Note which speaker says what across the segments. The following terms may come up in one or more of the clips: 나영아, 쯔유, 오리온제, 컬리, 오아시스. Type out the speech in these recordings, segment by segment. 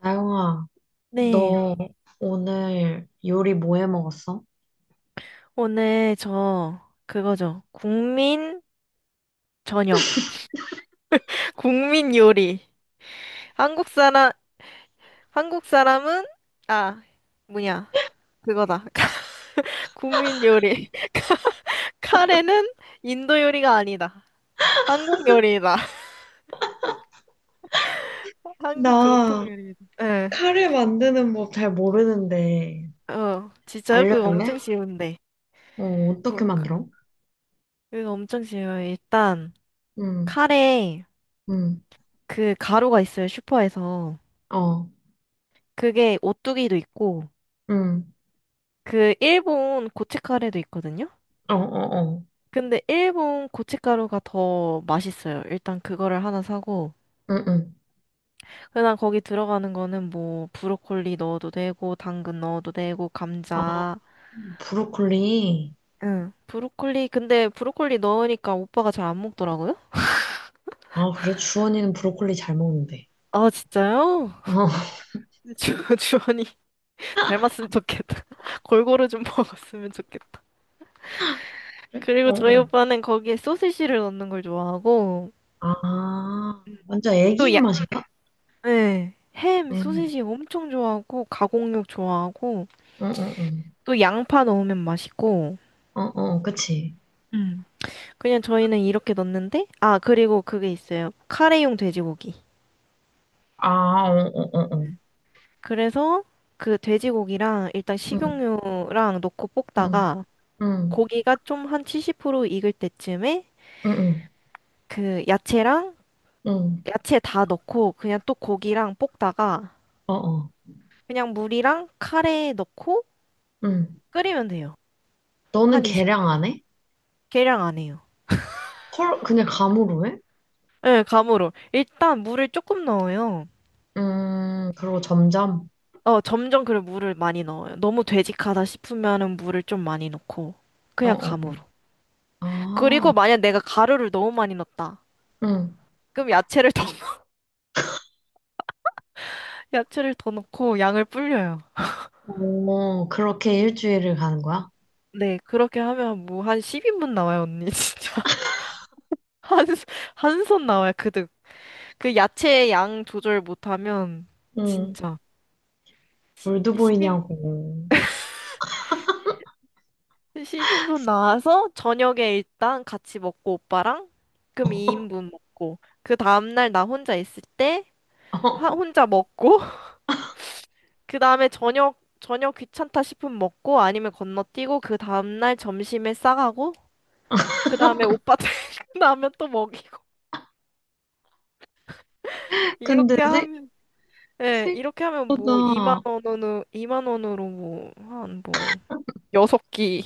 Speaker 1: 나영아,
Speaker 2: 네,
Speaker 1: 너 네. 오늘 요리 뭐 해 먹었어?
Speaker 2: 오늘 그거죠. 국민 저녁, 국민 요리. 한국 사람, 한국 사람은 아, 뭐냐, 그거다. 국민 요리. 카레는 인도 요리가 아니다. 한국 요리다. 한국 전통
Speaker 1: 나
Speaker 2: 요리다. 예.
Speaker 1: 카레 만드는 법 잘 모르는데
Speaker 2: 어, 진짜요? 그거
Speaker 1: 알려줄래?
Speaker 2: 엄청 쉬운데.
Speaker 1: 어, 어떻게
Speaker 2: 저, 그,
Speaker 1: 만들어?
Speaker 2: 그거 엄청 쉬워요. 일단,
Speaker 1: 응,
Speaker 2: 카레,
Speaker 1: 응,
Speaker 2: 그 가루가 있어요, 슈퍼에서.
Speaker 1: 어,
Speaker 2: 그게 오뚜기도 있고,
Speaker 1: 응,
Speaker 2: 그 일본 고춧가루도 있거든요.
Speaker 1: 어, 어, 어,
Speaker 2: 근데 일본 고춧가루가 더 맛있어요. 일단 그거를 하나 사고,
Speaker 1: 응, 응.
Speaker 2: 그다음 거기 들어가는 거는 뭐 브로콜리 넣어도 되고 당근 넣어도 되고
Speaker 1: 아,
Speaker 2: 감자.
Speaker 1: 브로콜리.
Speaker 2: 응. 브로콜리, 근데 브로콜리 넣으니까 오빠가 잘 안 먹더라고요.
Speaker 1: 아, 그래? 주원이는 브로콜리 잘 먹는데.
Speaker 2: 아, 진짜요?
Speaker 1: 어,
Speaker 2: 주원이 닮았으면 좋겠다. 골고루 좀 먹었으면 좋겠다.
Speaker 1: 그래?
Speaker 2: 그리고
Speaker 1: 어, 어.
Speaker 2: 저희 오빠는 거기에 소시지를 넣는 걸 좋아하고,
Speaker 1: 아, 완전
Speaker 2: 또
Speaker 1: 애기 입맛인가?
Speaker 2: 네. 햄,
Speaker 1: 응,
Speaker 2: 소시지 엄청 좋아하고, 가공육 좋아하고,
Speaker 1: 어, 어,
Speaker 2: 또 양파 넣으면 맛있고,
Speaker 1: 어, 어, 어, 그치?
Speaker 2: 음. 그냥 저희는 이렇게 넣는데, 아, 그리고 그게 있어요. 카레용 돼지고기.
Speaker 1: 아, 어, 어, 어, 어.
Speaker 2: 그래서 그 돼지고기랑 일단
Speaker 1: 응,
Speaker 2: 식용유랑 넣고
Speaker 1: 응,
Speaker 2: 볶다가,
Speaker 1: 응,
Speaker 2: 고기가 좀 한 70% 익을 때쯤에,
Speaker 1: 응, 응.
Speaker 2: 그 야채랑,
Speaker 1: 응,
Speaker 2: 야채 다 넣고, 그냥 또 고기랑 볶다가,
Speaker 1: 어, 어,
Speaker 2: 그냥 물이랑 카레 넣고
Speaker 1: 응.
Speaker 2: 끓이면 돼요.
Speaker 1: 너는
Speaker 2: 한 20분?
Speaker 1: 계량 안 해?
Speaker 2: 계량 안 해요.
Speaker 1: 헐, 그냥 감으로 해?
Speaker 2: 네, 감으로. 일단 물을 조금 넣어요.
Speaker 1: 그리고 점점?
Speaker 2: 어, 점점 그래 물을 많이 넣어요. 너무 되직하다 싶으면은 물을 좀 많이 넣고,
Speaker 1: 어,
Speaker 2: 그냥
Speaker 1: 어.
Speaker 2: 감으로. 그리고
Speaker 1: 아,
Speaker 2: 만약 내가 가루를 너무 많이 넣었다.
Speaker 1: 응.
Speaker 2: 그럼 야채를 더 야채를 더 넣고 양을 불려요.
Speaker 1: 오, 그렇게 일주일을 가는 거야?
Speaker 2: 네, 그렇게 하면 뭐 한 10인분 나와요, 언니. 진짜. 한, 한 손 나와요, 그득. 그 야채 양 조절 못하면
Speaker 1: 응.
Speaker 2: 진짜
Speaker 1: 물드보이
Speaker 2: 10,
Speaker 1: 냐고
Speaker 2: 10인분 나와서 저녁에 일단 같이 먹고 오빠랑, 그럼 2인분 먹고, 그 다음날 나 혼자 있을 때 혼자 먹고 그 다음에 저녁 귀찮다 싶으면 먹고, 아니면 건너뛰고 그 다음날 점심에 싸가고, 그 다음에 오빠 퇴근하면 또 먹이고,
Speaker 1: 근데
Speaker 2: 이렇게
Speaker 1: 생,
Speaker 2: 하면, 예, 이렇게 하면 뭐 2만
Speaker 1: 생각보다,
Speaker 2: 원으로 2만 원으로 뭐 한 뭐 여섯 끼.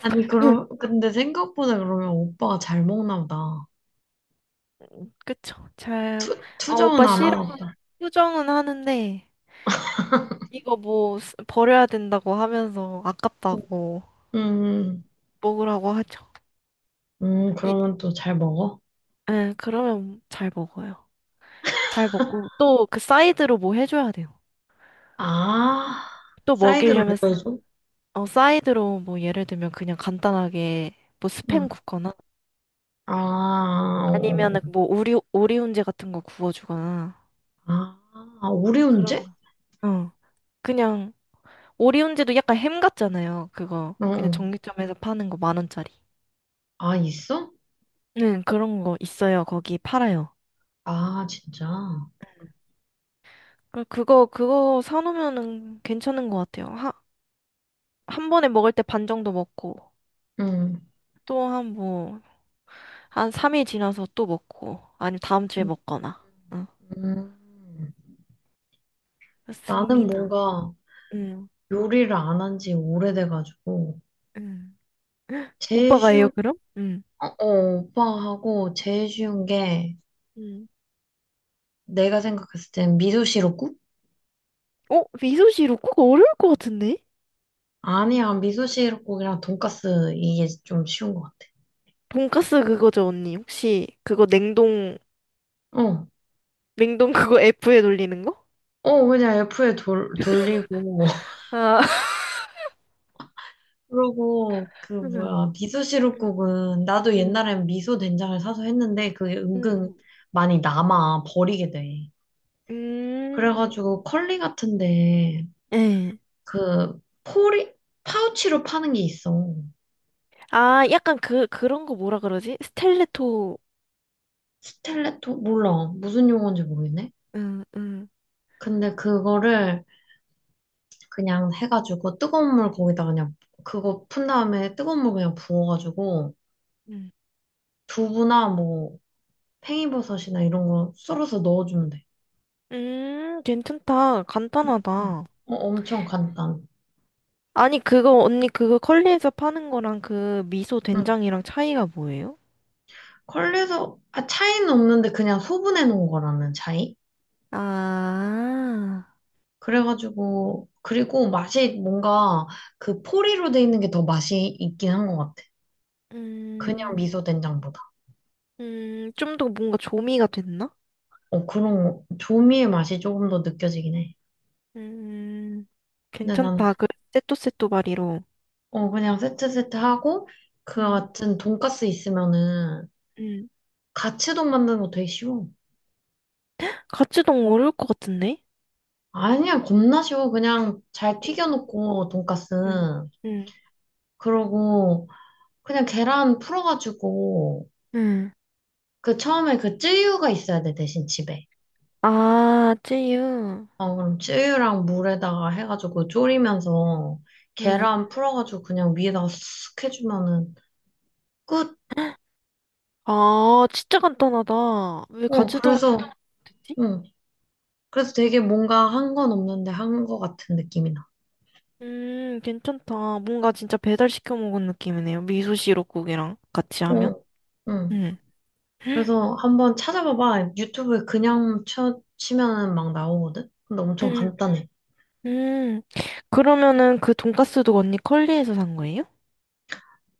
Speaker 1: 아니, 그럼, 근데 생각보다 그러면 오빠가 잘 먹나 보다.
Speaker 2: 그쵸, 잘. 아,
Speaker 1: 투정은
Speaker 2: 오빠
Speaker 1: 안
Speaker 2: 싫어.
Speaker 1: 하나 보다.
Speaker 2: 수정은 하는데 이거 뭐 버려야 된다고 하면서, 아깝다고
Speaker 1: 음,
Speaker 2: 먹으라고 하죠. 이,
Speaker 1: 그러면 또 잘 먹어?
Speaker 2: 예, 그러면 잘 먹어요. 잘 먹고 또 그 사이드로 뭐 해줘야 돼요.
Speaker 1: 아,
Speaker 2: 또
Speaker 1: 사이드로
Speaker 2: 먹이려면
Speaker 1: 뭐 해줘?
Speaker 2: 어, 사이드로 뭐 예를 들면 그냥 간단하게 뭐 스팸 굽거나,
Speaker 1: 아, 어, 어.
Speaker 2: 아니면은 뭐 오리훈제 같은 거 구워주거나,
Speaker 1: 아, 오리온제?
Speaker 2: 그런 거. 어, 그냥. 오리훈제도 약간 햄 같잖아요. 그거
Speaker 1: 어,
Speaker 2: 그냥
Speaker 1: 어.
Speaker 2: 정육점에서 파는 거 만 원짜리.
Speaker 1: 아, 있어?
Speaker 2: 네, 그런 거 있어요. 거기 팔아요.
Speaker 1: 아, 진짜.
Speaker 2: 그거 사놓으면은 괜찮은 것 같아요. 하, 한 번에 먹을 때 반 정도 먹고,
Speaker 1: 응.
Speaker 2: 또 한 삼일 지나서 또 먹고, 아니면 다음 주에
Speaker 1: 음,
Speaker 2: 먹거나. 응.
Speaker 1: 음. 나는
Speaker 2: 맞습니다.
Speaker 1: 뭔가
Speaker 2: 응,
Speaker 1: 요리를 안 한 지 오래돼가지고,
Speaker 2: 응.
Speaker 1: 제일
Speaker 2: 오빠가 해요,
Speaker 1: 쉬운,
Speaker 2: 그럼? 응.
Speaker 1: 어, 어, 오빠하고 제일 쉬운 게,
Speaker 2: 응.
Speaker 1: 내가 생각했을 땐 미소 시럽국?
Speaker 2: 어? 미소시루 그거 어려울 것 같은데?
Speaker 1: 아니야, 미소 시럽국이랑 돈까스 이게 좀 쉬운 것 같아.
Speaker 2: 돈까스 그거죠, 언니. 혹시 그거 냉동,
Speaker 1: 어,
Speaker 2: 냉동 그거 F에 돌리는 거?
Speaker 1: 어, 그냥 F에 돌리고,
Speaker 2: 아,
Speaker 1: 그러고 그
Speaker 2: 음.
Speaker 1: 뭐야 미소
Speaker 2: 음.
Speaker 1: 시루국은 나도
Speaker 2: 응
Speaker 1: 옛날엔 미소 된장을 사서 했는데 그게 은근
Speaker 2: 응
Speaker 1: 많이 남아 버리게 돼.
Speaker 2: 응. 음.
Speaker 1: 그래가지고 컬리 같은데
Speaker 2: 예.
Speaker 1: 그 포리 파우치로 파는 게 있어.
Speaker 2: 아, 약간 그, 그런 거 뭐라 그러지? 스텔레토.
Speaker 1: 스텔레토 몰라 무슨 용어인지 모르겠네.
Speaker 2: 음, 음,
Speaker 1: 근데 그거를 그냥 해가지고 뜨거운 물 거기다 그냥 그거 푼 다음에 뜨거운 물 그냥 부어가지고
Speaker 2: 음.
Speaker 1: 두부나 뭐 팽이버섯이나 이런 거 썰어서 넣어주면 돼.
Speaker 2: 괜찮다.
Speaker 1: 응.
Speaker 2: 간단하다.
Speaker 1: 어, 엄청 간단.
Speaker 2: 아니, 그거, 언니, 그거 컬리에서 파는 거랑 그 미소
Speaker 1: 응.
Speaker 2: 된장이랑 차이가 뭐예요?
Speaker 1: 컬리에서 아, 차이는 없는데 그냥 소분해 놓은 거라는 차이?
Speaker 2: 아,
Speaker 1: 그래가지고 그리고 맛이 뭔가 그 포리로 돼 있는 게 더 맛이 있긴 한 것 같아. 그냥
Speaker 2: 음,
Speaker 1: 미소 된장보다.
Speaker 2: 음. 좀 더 뭔가 조미가 됐나?
Speaker 1: 어 조미의 맛이 조금 더 느껴지긴 해.
Speaker 2: 음,
Speaker 1: 근데 나는
Speaker 2: 괜찮다. 그, 세또세또 바리로.
Speaker 1: 어 그냥 세트 세트 하고 그
Speaker 2: 음,
Speaker 1: 같은 돈가스 있으면은
Speaker 2: 음.
Speaker 1: 가츠동 만드는 거 되게 쉬워.
Speaker 2: 같이 너무 어려울 것 같은데?
Speaker 1: 아니야 겁나 쉬워. 그냥 잘 튀겨놓고 돈가스
Speaker 2: 응, 응,
Speaker 1: 그러고 그냥 계란 풀어가지고
Speaker 2: 응.
Speaker 1: 그 처음에 그 쯔유가 있어야 돼, 대신 집에.
Speaker 2: 아, 쯔유.
Speaker 1: 어, 그럼 쯔유랑 물에다가 해가지고 졸이면서
Speaker 2: 응.
Speaker 1: 계란 풀어가지고 그냥 위에다가 쓱 해주면은 끝.
Speaker 2: 아, 진짜 간단하다. 왜
Speaker 1: 어,
Speaker 2: 같이 동못
Speaker 1: 그래서,
Speaker 2: 했지
Speaker 1: 응. 그래서 되게 뭔가 한 건 없는데 한 거 같은 느낌이 나.
Speaker 2: 괜찮다. 뭔가 진짜 배달시켜 먹은 느낌이네요. 미소 시럽국이랑 같이 하면.
Speaker 1: 어, 응.
Speaker 2: 음.
Speaker 1: 그래서 한번 찾아봐봐. 유튜브에 그냥 치면은 막 나오거든? 근데 엄청
Speaker 2: 음,
Speaker 1: 간단해.
Speaker 2: 음. 그러면은 그 돈가스도 언니 컬리에서 산 거예요?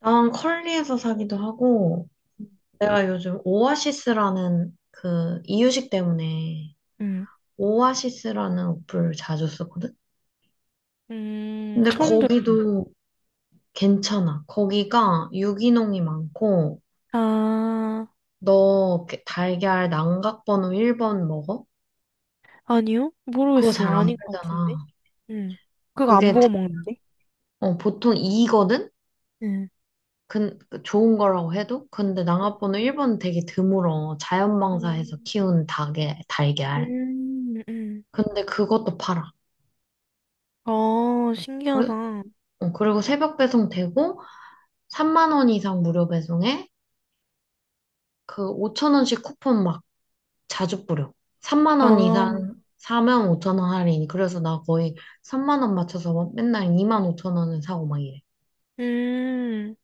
Speaker 1: 난 컬리에서 사기도 하고, 내가 요즘 오아시스라는 그 이유식 때문에
Speaker 2: 음.
Speaker 1: 오아시스라는 어플 자주 쓰거든? 근데
Speaker 2: 처음 들어보네.
Speaker 1: 거기도 괜찮아. 거기가 유기농이 많고,
Speaker 2: 아,
Speaker 1: 너 달걀 난각번호 1번 먹어?
Speaker 2: 아니요?
Speaker 1: 그거
Speaker 2: 모르겠어.
Speaker 1: 잘 안
Speaker 2: 아닌 것 같은데.
Speaker 1: 팔잖아.
Speaker 2: 음. 그거 안
Speaker 1: 그게
Speaker 2: 보고
Speaker 1: 대-
Speaker 2: 먹는데?
Speaker 1: 보통 2거든?
Speaker 2: 음.
Speaker 1: 근, 그 좋은 거라고 해도? 근데 난각번호 1번은 되게 드물어. 자연방사해서
Speaker 2: 음,
Speaker 1: 키운 닭의 달걀.
Speaker 2: 음, 음.
Speaker 1: 근데 그것도 팔아.
Speaker 2: 아,
Speaker 1: 그리-
Speaker 2: 신기하다.
Speaker 1: 그리고 새벽 배송 되고, 3만 원 이상 무료 배송에 그 5천 원씩 쿠폰 막 자주 뿌려. 3만 원
Speaker 2: 아,
Speaker 1: 이상 사면 5천 원 할인. 그래서 나 거의 3만 원 맞춰서 막 맨날 2만 5천 원을 사고 막 이래.
Speaker 2: 음.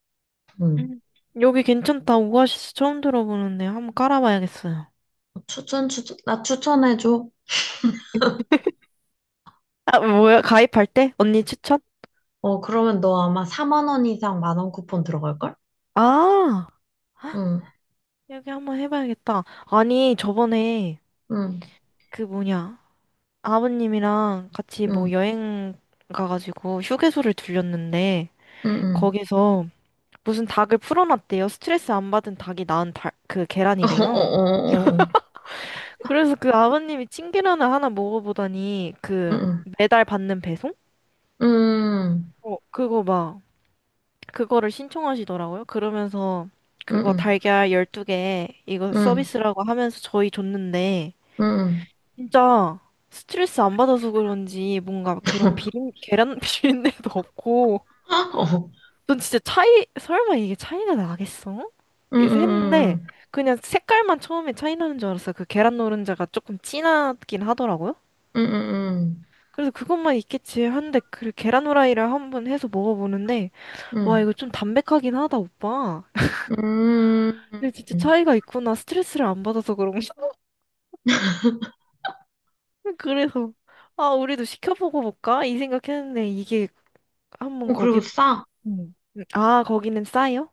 Speaker 1: 응.
Speaker 2: 음. 여기 괜찮다. 오아시스 처음 들어보는데 한번 깔아봐야겠어요.
Speaker 1: 추천, 추천, 나 추천해줘.
Speaker 2: 아, 뭐야? 가입할 때? 언니 추천?
Speaker 1: 어, 그러면 너 아마 4만 원 이상 1만 원 쿠폰 들어갈걸?
Speaker 2: 아,
Speaker 1: 응,
Speaker 2: 여기 한번 해봐야겠다. 아니, 저번에
Speaker 1: 응,
Speaker 2: 그 뭐냐. 아버님이랑 같이 뭐
Speaker 1: 응,
Speaker 2: 여행 가가지고 휴게소를 들렸는데,
Speaker 1: 응, 응.
Speaker 2: 거기서 무슨 닭을 풀어놨대요. 스트레스 안 받은 닭이 낳은 닭, 그
Speaker 1: 어, 어,
Speaker 2: 계란이래요.
Speaker 1: 어, 어, 어.
Speaker 2: 그래서 그 아버님이 찐계란을 하나 먹어보다니
Speaker 1: 응,
Speaker 2: 그
Speaker 1: 응,
Speaker 2: 매달 받는 배송?
Speaker 1: 응,
Speaker 2: 어, 그거 막 그거를 신청하시더라고요. 그러면서 그거
Speaker 1: 응,
Speaker 2: 달걀 12개, 이거
Speaker 1: 응,
Speaker 2: 서비스라고 하면서 저희 줬는데
Speaker 1: 응, 응.
Speaker 2: 진짜 스트레스 안 받아서 그런지 뭔가 그런 비린 계란 비린내도 없고.
Speaker 1: 어,
Speaker 2: 전 진짜 차이, 설마 이게 차이가 나겠어?
Speaker 1: 응,
Speaker 2: 그래서
Speaker 1: 응,
Speaker 2: 했는데
Speaker 1: 응,
Speaker 2: 그냥 색깔만 처음에 차이 나는 줄 알았어요. 그 계란 노른자가 조금 진하긴 하더라고요.
Speaker 1: 응, 응,
Speaker 2: 그래서 그것만 있겠지 한데, 그 계란 후라이를 한번 해서 먹어보는데,
Speaker 1: 응,
Speaker 2: 와
Speaker 1: 응.
Speaker 2: 이거 좀 담백하긴 하다, 오빠.
Speaker 1: 응.
Speaker 2: 근데 진짜
Speaker 1: 응.
Speaker 2: 차이가 있구나. 스트레스를 안 받아서 그런가? 그래서, 아, 우리도 시켜보고 볼까? 이 생각했는데, 이게 한번
Speaker 1: 어, 그리고
Speaker 2: 거기에.
Speaker 1: 싸.
Speaker 2: 음. 아, 거기는 싸요?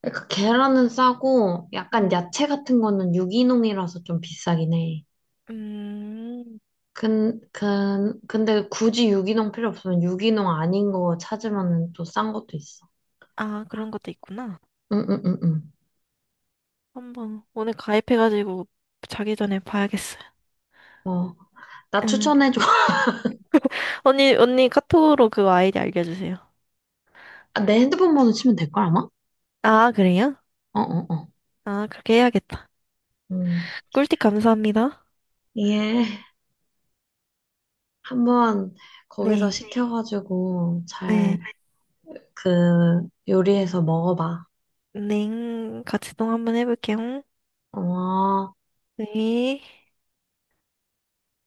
Speaker 1: 그러니까 계란은 싸고 약간
Speaker 2: 음.
Speaker 1: 야채 같은 거는 유기농이라서 좀 비싸긴 해.
Speaker 2: 음.
Speaker 1: 근데 굳이 유기농 필요 없으면 유기농 아닌 거 찾으면 또 싼 것도 있어.
Speaker 2: 아, 그런 것도 있구나.
Speaker 1: 응, 응, 응, 응.
Speaker 2: 한번 오늘 가입해가지고 자기 전에 봐야겠어요.
Speaker 1: 어, 나
Speaker 2: 응.
Speaker 1: 추천해줘.
Speaker 2: 언니, 언니 카톡으로 그 아이디 알려주세요.
Speaker 1: 아, 내 핸드폰 번호 치면 될 걸, 아마?
Speaker 2: 아, 그래요?
Speaker 1: 어, 어, 어.
Speaker 2: 아, 그렇게 해야겠다.
Speaker 1: 음.
Speaker 2: 꿀팁 감사합니다.
Speaker 1: 예. 한번 거기서
Speaker 2: 네.
Speaker 1: 시켜가지고
Speaker 2: 네.
Speaker 1: 잘 그 요리해서 먹어봐.
Speaker 2: 넹, 같이 동 한번 해볼게요.
Speaker 1: 어.
Speaker 2: 네.